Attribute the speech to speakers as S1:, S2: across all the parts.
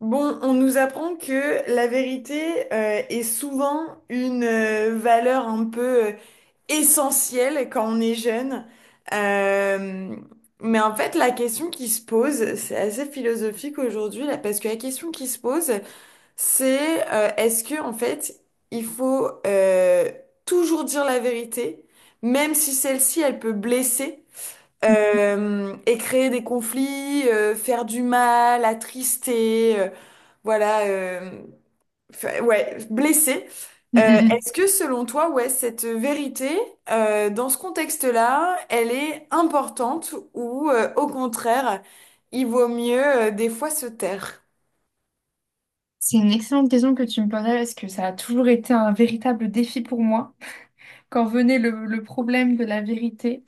S1: Bon, on nous apprend que la vérité est souvent une valeur un peu essentielle quand on est jeune. Euh, mais en fait, la question qui se pose, c'est assez philosophique aujourd'hui, là, parce que la question qui se pose, c'est est-ce que en fait, il faut toujours dire la vérité, même si celle-ci, elle peut blesser? Et créer des conflits, faire du mal, attrister, voilà, euh, ouais, blesser.
S2: Mm,
S1: Euh,
S2: mm, mm.
S1: Est-ce que selon toi, ouais, cette vérité, dans ce contexte-là, elle est importante ou au contraire, il vaut mieux des fois se taire?
S2: C'est une excellente question que tu me posais parce que ça a toujours été un véritable défi pour moi. Quand venait le problème de la vérité,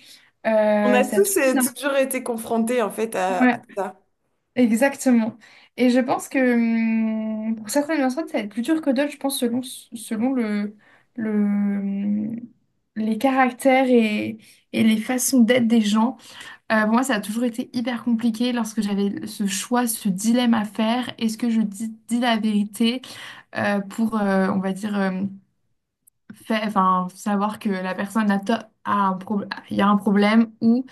S1: On a
S2: ça a
S1: tous
S2: toujours été
S1: toujours été confrontés en fait à
S2: ouais,
S1: ça.
S2: exactement. Et je pense que pour certaines personnes, ça va être plus dur que d'autres, je pense, selon le, hum, les caractères et les façons d'être des gens. Pour moi, ça a toujours été hyper compliqué lorsque j'avais ce choix, ce dilemme à faire. Est-ce que je dis la vérité on va dire, enfin, savoir que la personne a un problème, il y a un problème,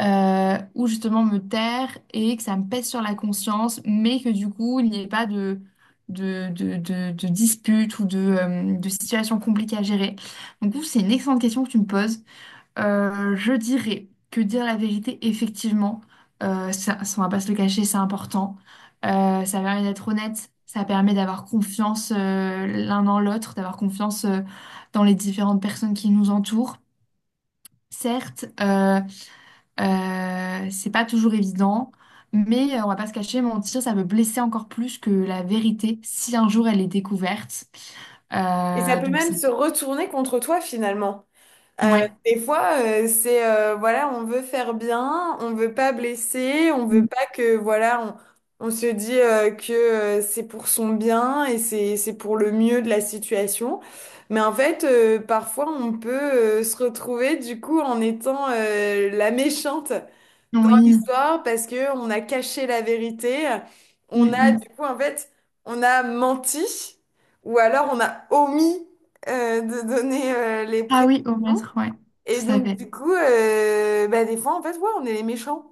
S2: ou justement me taire et que ça me pèse sur la conscience, mais que du coup, il n'y ait pas de dispute ou de situation compliquée à gérer. Donc, du coup, c'est une excellente question que tu me poses. Je dirais que dire la vérité, effectivement, ça, on va pas se le cacher, c'est important. Ça permet d'être honnête, ça permet d'avoir confiance l'un dans l'autre, d'avoir confiance dans les différentes personnes qui nous entourent. Certes, c'est pas toujours évident, mais on va pas se cacher, mentir, ça peut blesser encore plus que la vérité si un jour elle est découverte.
S1: Et ça peut
S2: Donc
S1: même
S2: c'est...
S1: se retourner contre toi finalement. Euh,
S2: Ouais.
S1: des fois, c'est voilà, on veut faire bien, on veut pas blesser, on veut pas que voilà, on se dit que c'est pour son bien et c'est pour le mieux de la situation. Mais en fait, parfois, on peut se retrouver du coup en étant la méchante dans
S2: Oui.
S1: l'histoire parce que on a caché la vérité,
S2: Mm,
S1: on
S2: mm,
S1: a
S2: mm.
S1: du coup en fait, on a menti ou alors on a omis de donner les
S2: Ah
S1: précisions.
S2: oui, au maître, ouais,
S1: Et
S2: tout à
S1: donc,
S2: fait.
S1: du coup, bah, des fois, en fait, ouais, on est les méchants.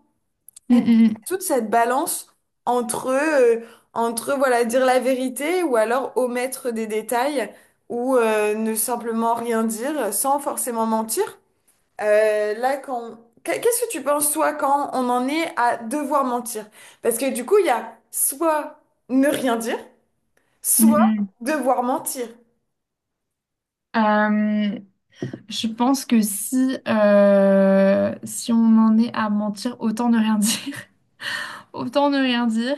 S1: Et
S2: Mm,
S1: donc,
S2: mm,
S1: toute cette balance entre, entre voilà, dire la vérité ou alors omettre des détails ou ne simplement rien dire sans forcément mentir. Euh, là, quand... Qu'est-ce que tu penses, toi, quand on en est à devoir mentir? Parce que du coup, il y a soit ne rien dire,
S2: mm,
S1: soit
S2: mm.
S1: devoir mentir.
S2: Euh, je pense que si on en est à mentir, autant ne rien dire. Autant ne rien dire,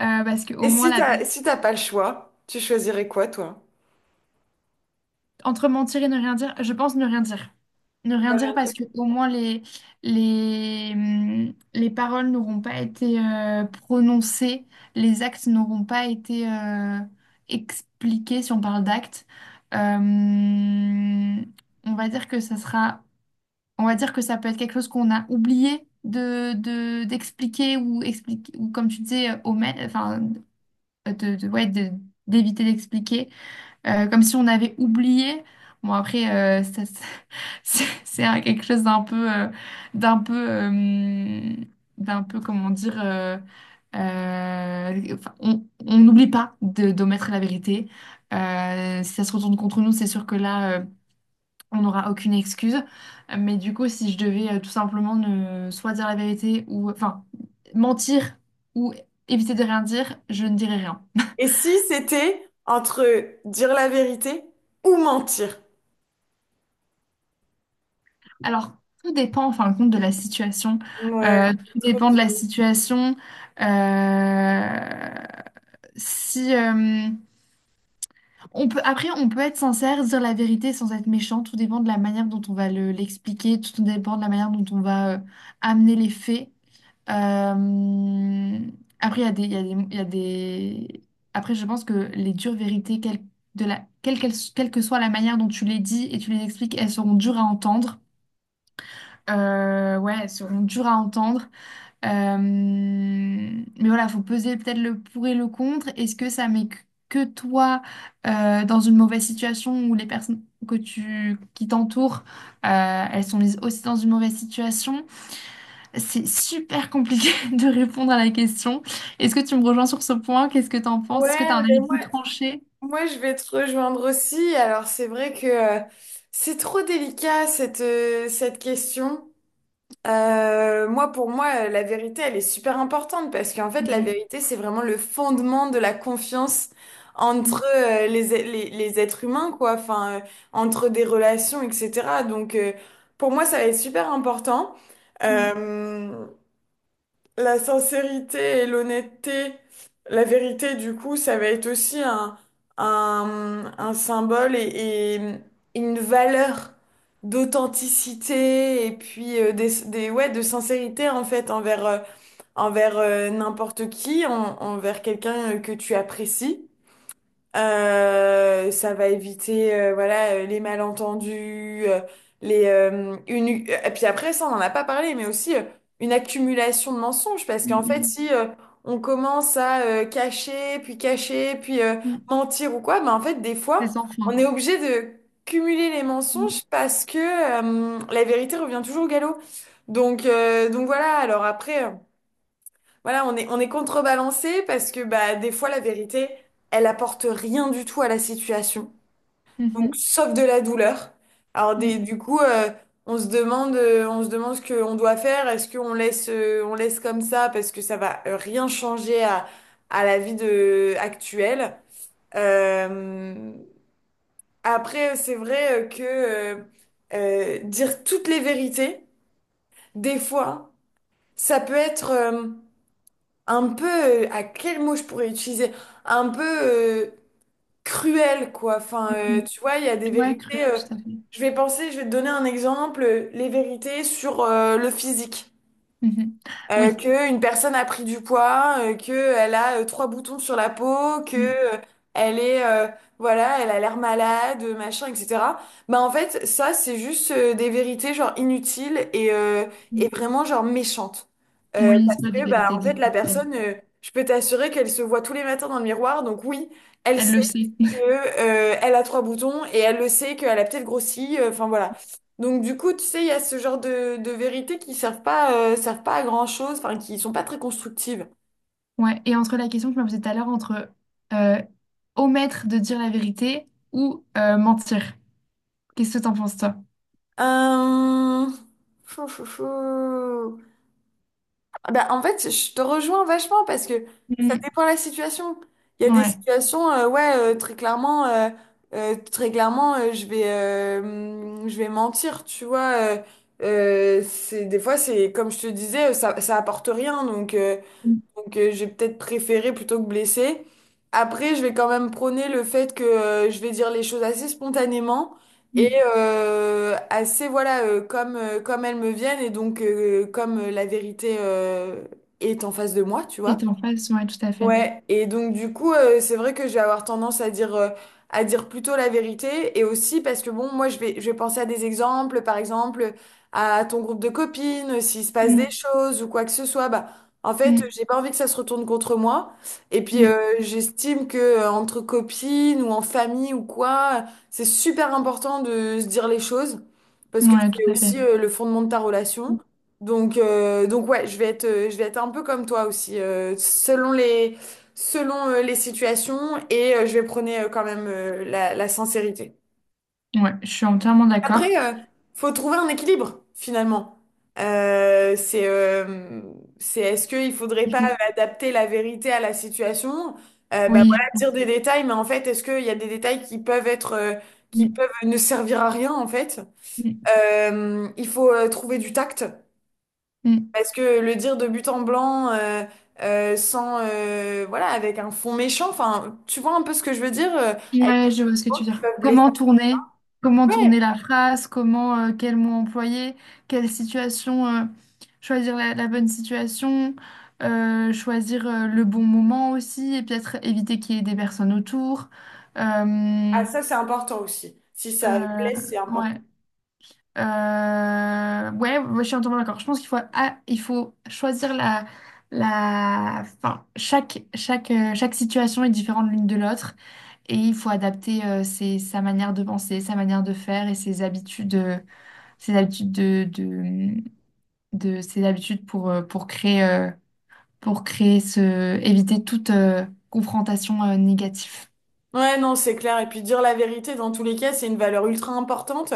S2: parce qu'au
S1: Et
S2: moins la personne.
S1: si t'as pas le choix, tu choisirais quoi, toi?
S2: Entre mentir et ne rien dire, je pense ne rien dire. Ne rien dire parce que au moins les paroles n'auront pas été prononcées, les actes n'auront pas été expliqués si on parle d'actes. Euh, on va dire que ça sera, on va dire que ça peut être quelque chose qu'on a oublié d'expliquer ou expliquer ou comme tu disais, omettre, enfin ouais, d'éviter d'expliquer comme si on avait oublié. Bon, après, euh, ça- ça- quelque chose d'un peu, d'un peu, euh, d'un peu, comment dire, enfin, on n'oublie pas d'omettre la vérité. Si ça se retourne contre nous, c'est sûr que là, on n'aura aucune excuse. Mais du coup, si je devais tout simplement ne soit dire la vérité ou enfin mentir ou éviter de rien dire, je ne dirais rien.
S1: Et si c'était entre dire la vérité ou mentir?
S2: Alors, tout dépend en fin de compte de la situation.
S1: Ouais,
S2: Ouais,
S1: c'est
S2: tout
S1: trop
S2: dépend de la
S1: dur.
S2: situation. Euh, si On peut, après, on peut être sincère, dire la vérité sans être méchant. Tout dépend de la manière dont on va l'expliquer. Tout dépend de la manière dont on va amener les faits. Euh, Après, il y a des, il y a des, il y a des- après, je pense que les dures vérités, quelle, de la, quelle, quelle quelle que soit la manière dont tu les dis et tu les expliques, elles seront dures à entendre. Ouais, elles seront dures à entendre. Mais voilà, faut peser peut-être le pour et le contre. Est-ce que ça met que toi dans une mauvaise situation où les personnes qui t'entourent, elles sont mises aussi dans une mauvaise situation? C'est super compliqué de répondre à la question. Est-ce que tu me rejoins sur ce point? Qu'est-ce que tu en penses?
S1: Ouais,
S2: Est-ce que tu as un
S1: mais
S2: avis plus tranché?
S1: moi, je vais te rejoindre aussi. Alors, c'est vrai que c'est trop délicat cette question. Pour moi, la vérité, elle est super importante parce qu'en fait, la
S2: Mm,
S1: vérité, c'est vraiment le fondement de la confiance entre
S2: mm,
S1: les êtres humains, quoi, enfin, entre des relations, etc. Donc, pour moi, ça va être super important.
S2: mm,
S1: Euh, la sincérité et l'honnêteté, la vérité, du coup, ça va être aussi un symbole et une valeur d'authenticité et puis ouais, de sincérité en fait envers, envers n'importe qui, envers quelqu'un que tu apprécies. Ça va éviter voilà les malentendus, les une et puis après ça on n'en a pas parlé mais aussi une accumulation de mensonges parce qu'en fait
S2: mm,
S1: si on commence à cacher puis
S2: mm, mm.
S1: mentir ou quoi ben en fait des
S2: C'est
S1: fois
S2: sans
S1: on
S2: fin.
S1: est obligé de cumuler les
S2: Mm,
S1: mensonges parce que la vérité revient toujours au galop. Donc voilà alors après voilà, on est contrebalancé parce que bah, des fois, la vérité, elle apporte rien du tout à la situation. Donc,
S2: mhm,
S1: sauf de la douleur.
S2: mm,
S1: Du coup, on se demande ce qu'on doit faire. Est-ce qu'on laisse, on laisse comme ça parce que ça va rien changer à la vie de, actuelle. Euh, Après, c'est vrai que dire toutes les vérités, des fois, ça peut être... un peu, à quel mot je pourrais utiliser? Un peu euh, cruel, quoi. Enfin,
S2: mhm.
S1: tu vois, il y a des
S2: Ouais, cruel,
S1: vérités.
S2: tout à fait.
S1: Je vais penser, je vais te donner un exemple, les vérités sur le physique
S2: Mhm. Oui.
S1: que une personne a pris du poids, que elle a trois boutons sur la peau, que
S2: Mhm.
S1: elle est voilà, elle a l'air malade, machin, etc. Bah en fait, ça c'est juste des vérités genre inutiles et et vraiment genre méchantes.
S2: Oui, c'est
S1: Parce
S2: pas du
S1: que bah
S2: vérité
S1: en fait
S2: existentielle.
S1: je peux t'assurer qu'elle se voit tous les matins dans le miroir, donc oui, elle
S2: Elle le
S1: sait
S2: sait.
S1: que elle a trois boutons et elle le sait qu'elle a peut-être grossi. Enfin voilà, donc du coup, tu sais, il y a ce genre de vérités qui servent pas à grand-chose, enfin qui sont pas très constructives.
S2: Ouais. Et entre la question que je me posais tout à l'heure, entre euh, omettre de dire la vérité ou mentir. Qu'est-ce que t'en penses, toi?
S1: Euh... Chou, chou, chou. Ah bah, en fait, je te rejoins vachement parce que ça
S2: Mhm.
S1: dépend de la situation. Il y a des
S2: Ouais.
S1: situations, ouais, très clairement, je vais mentir, tu vois. C'est des fois, c'est comme je te disais, ça apporte rien, donc.
S2: Mhm.
S1: Donc j'ai peut-être préféré plutôt que blessé. Après, je vais quand même prôner le fait que je vais dire les choses assez spontanément et
S2: Mhm.
S1: assez, voilà, comme elles me viennent et donc comme la vérité est en face de moi, tu
S2: Et
S1: vois.
S2: t'es en face, ouais, tout à fait.
S1: Ouais, et donc du coup, c'est vrai que je vais avoir tendance à dire plutôt la vérité, et aussi parce que bon, je vais penser à des exemples, par exemple à ton groupe de copines, s'il se passe des
S2: Mhm.
S1: choses ou quoi que ce soit, bah en fait,
S2: Mhm.
S1: j'ai pas envie que ça se retourne contre moi. Et puis j'estime que entre copines ou en famille ou quoi, c'est super important de se dire les choses parce que
S2: Mhm. Ouais, tout
S1: c'est
S2: à fait.
S1: aussi le fondement de ta relation. Donc, donc ouais, je vais être un peu comme toi aussi, selon les situations et je vais prôner quand même la sincérité.
S2: Ouais, je suis entièrement
S1: Après,
S2: d'accord.
S1: faut trouver un équilibre finalement. Euh, c'est, euh, c'est est-ce qu'il faudrait
S2: Il
S1: pas
S2: faut...
S1: adapter la vérité à la situation? Bah
S2: Oui,
S1: voilà,
S2: je
S1: dire
S2: pense.
S1: des détails, mais en fait, est-ce qu'il y a des détails qui peuvent être, qui
S2: Mm,
S1: peuvent ne servir à rien en fait?
S2: mm,
S1: Il faut trouver du tact.
S2: mm.
S1: Parce que le dire de but en blanc, sans, voilà, avec un fond méchant, enfin, tu vois un peu ce que je veux dire, avec des
S2: Ouais, je vois ce que
S1: mots
S2: tu veux
S1: qui
S2: dire.
S1: peuvent blesser.
S2: Comment tourner? Comment
S1: Ouais,
S2: tourner la phrase? Comment, quel mot employer? Quelle situation, choisir la bonne situation, choisir, le bon moment aussi, et peut-être éviter qu'il y ait des personnes autour.
S1: ah
S2: Euh,
S1: ça c'est important aussi. Si ça
S2: euh,
S1: blesse, c'est important.
S2: ouais. Ouais, ouais, je suis entièrement d'accord. Je pense qu'il faut, ah, il faut choisir enfin, chaque situation est différente l'une de l'autre et il faut adapter sa manière de penser, sa manière de faire et ses habitudes, ses habitudes ses habitudes pour créer éviter toute confrontation négative.
S1: Ouais, non, c'est clair. Et puis dire la vérité, dans tous les cas, c'est une valeur ultra importante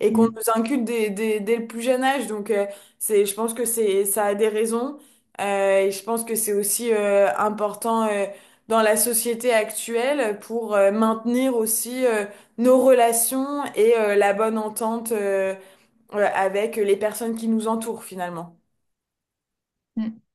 S1: et qu'on
S2: Mm,
S1: nous inculque dès le plus jeune âge. Donc, je pense que c'est, ça a des raisons. Et je pense que c'est aussi important dans la société actuelle pour maintenir aussi nos relations et la bonne entente avec les personnes qui nous entourent finalement.
S2: mm.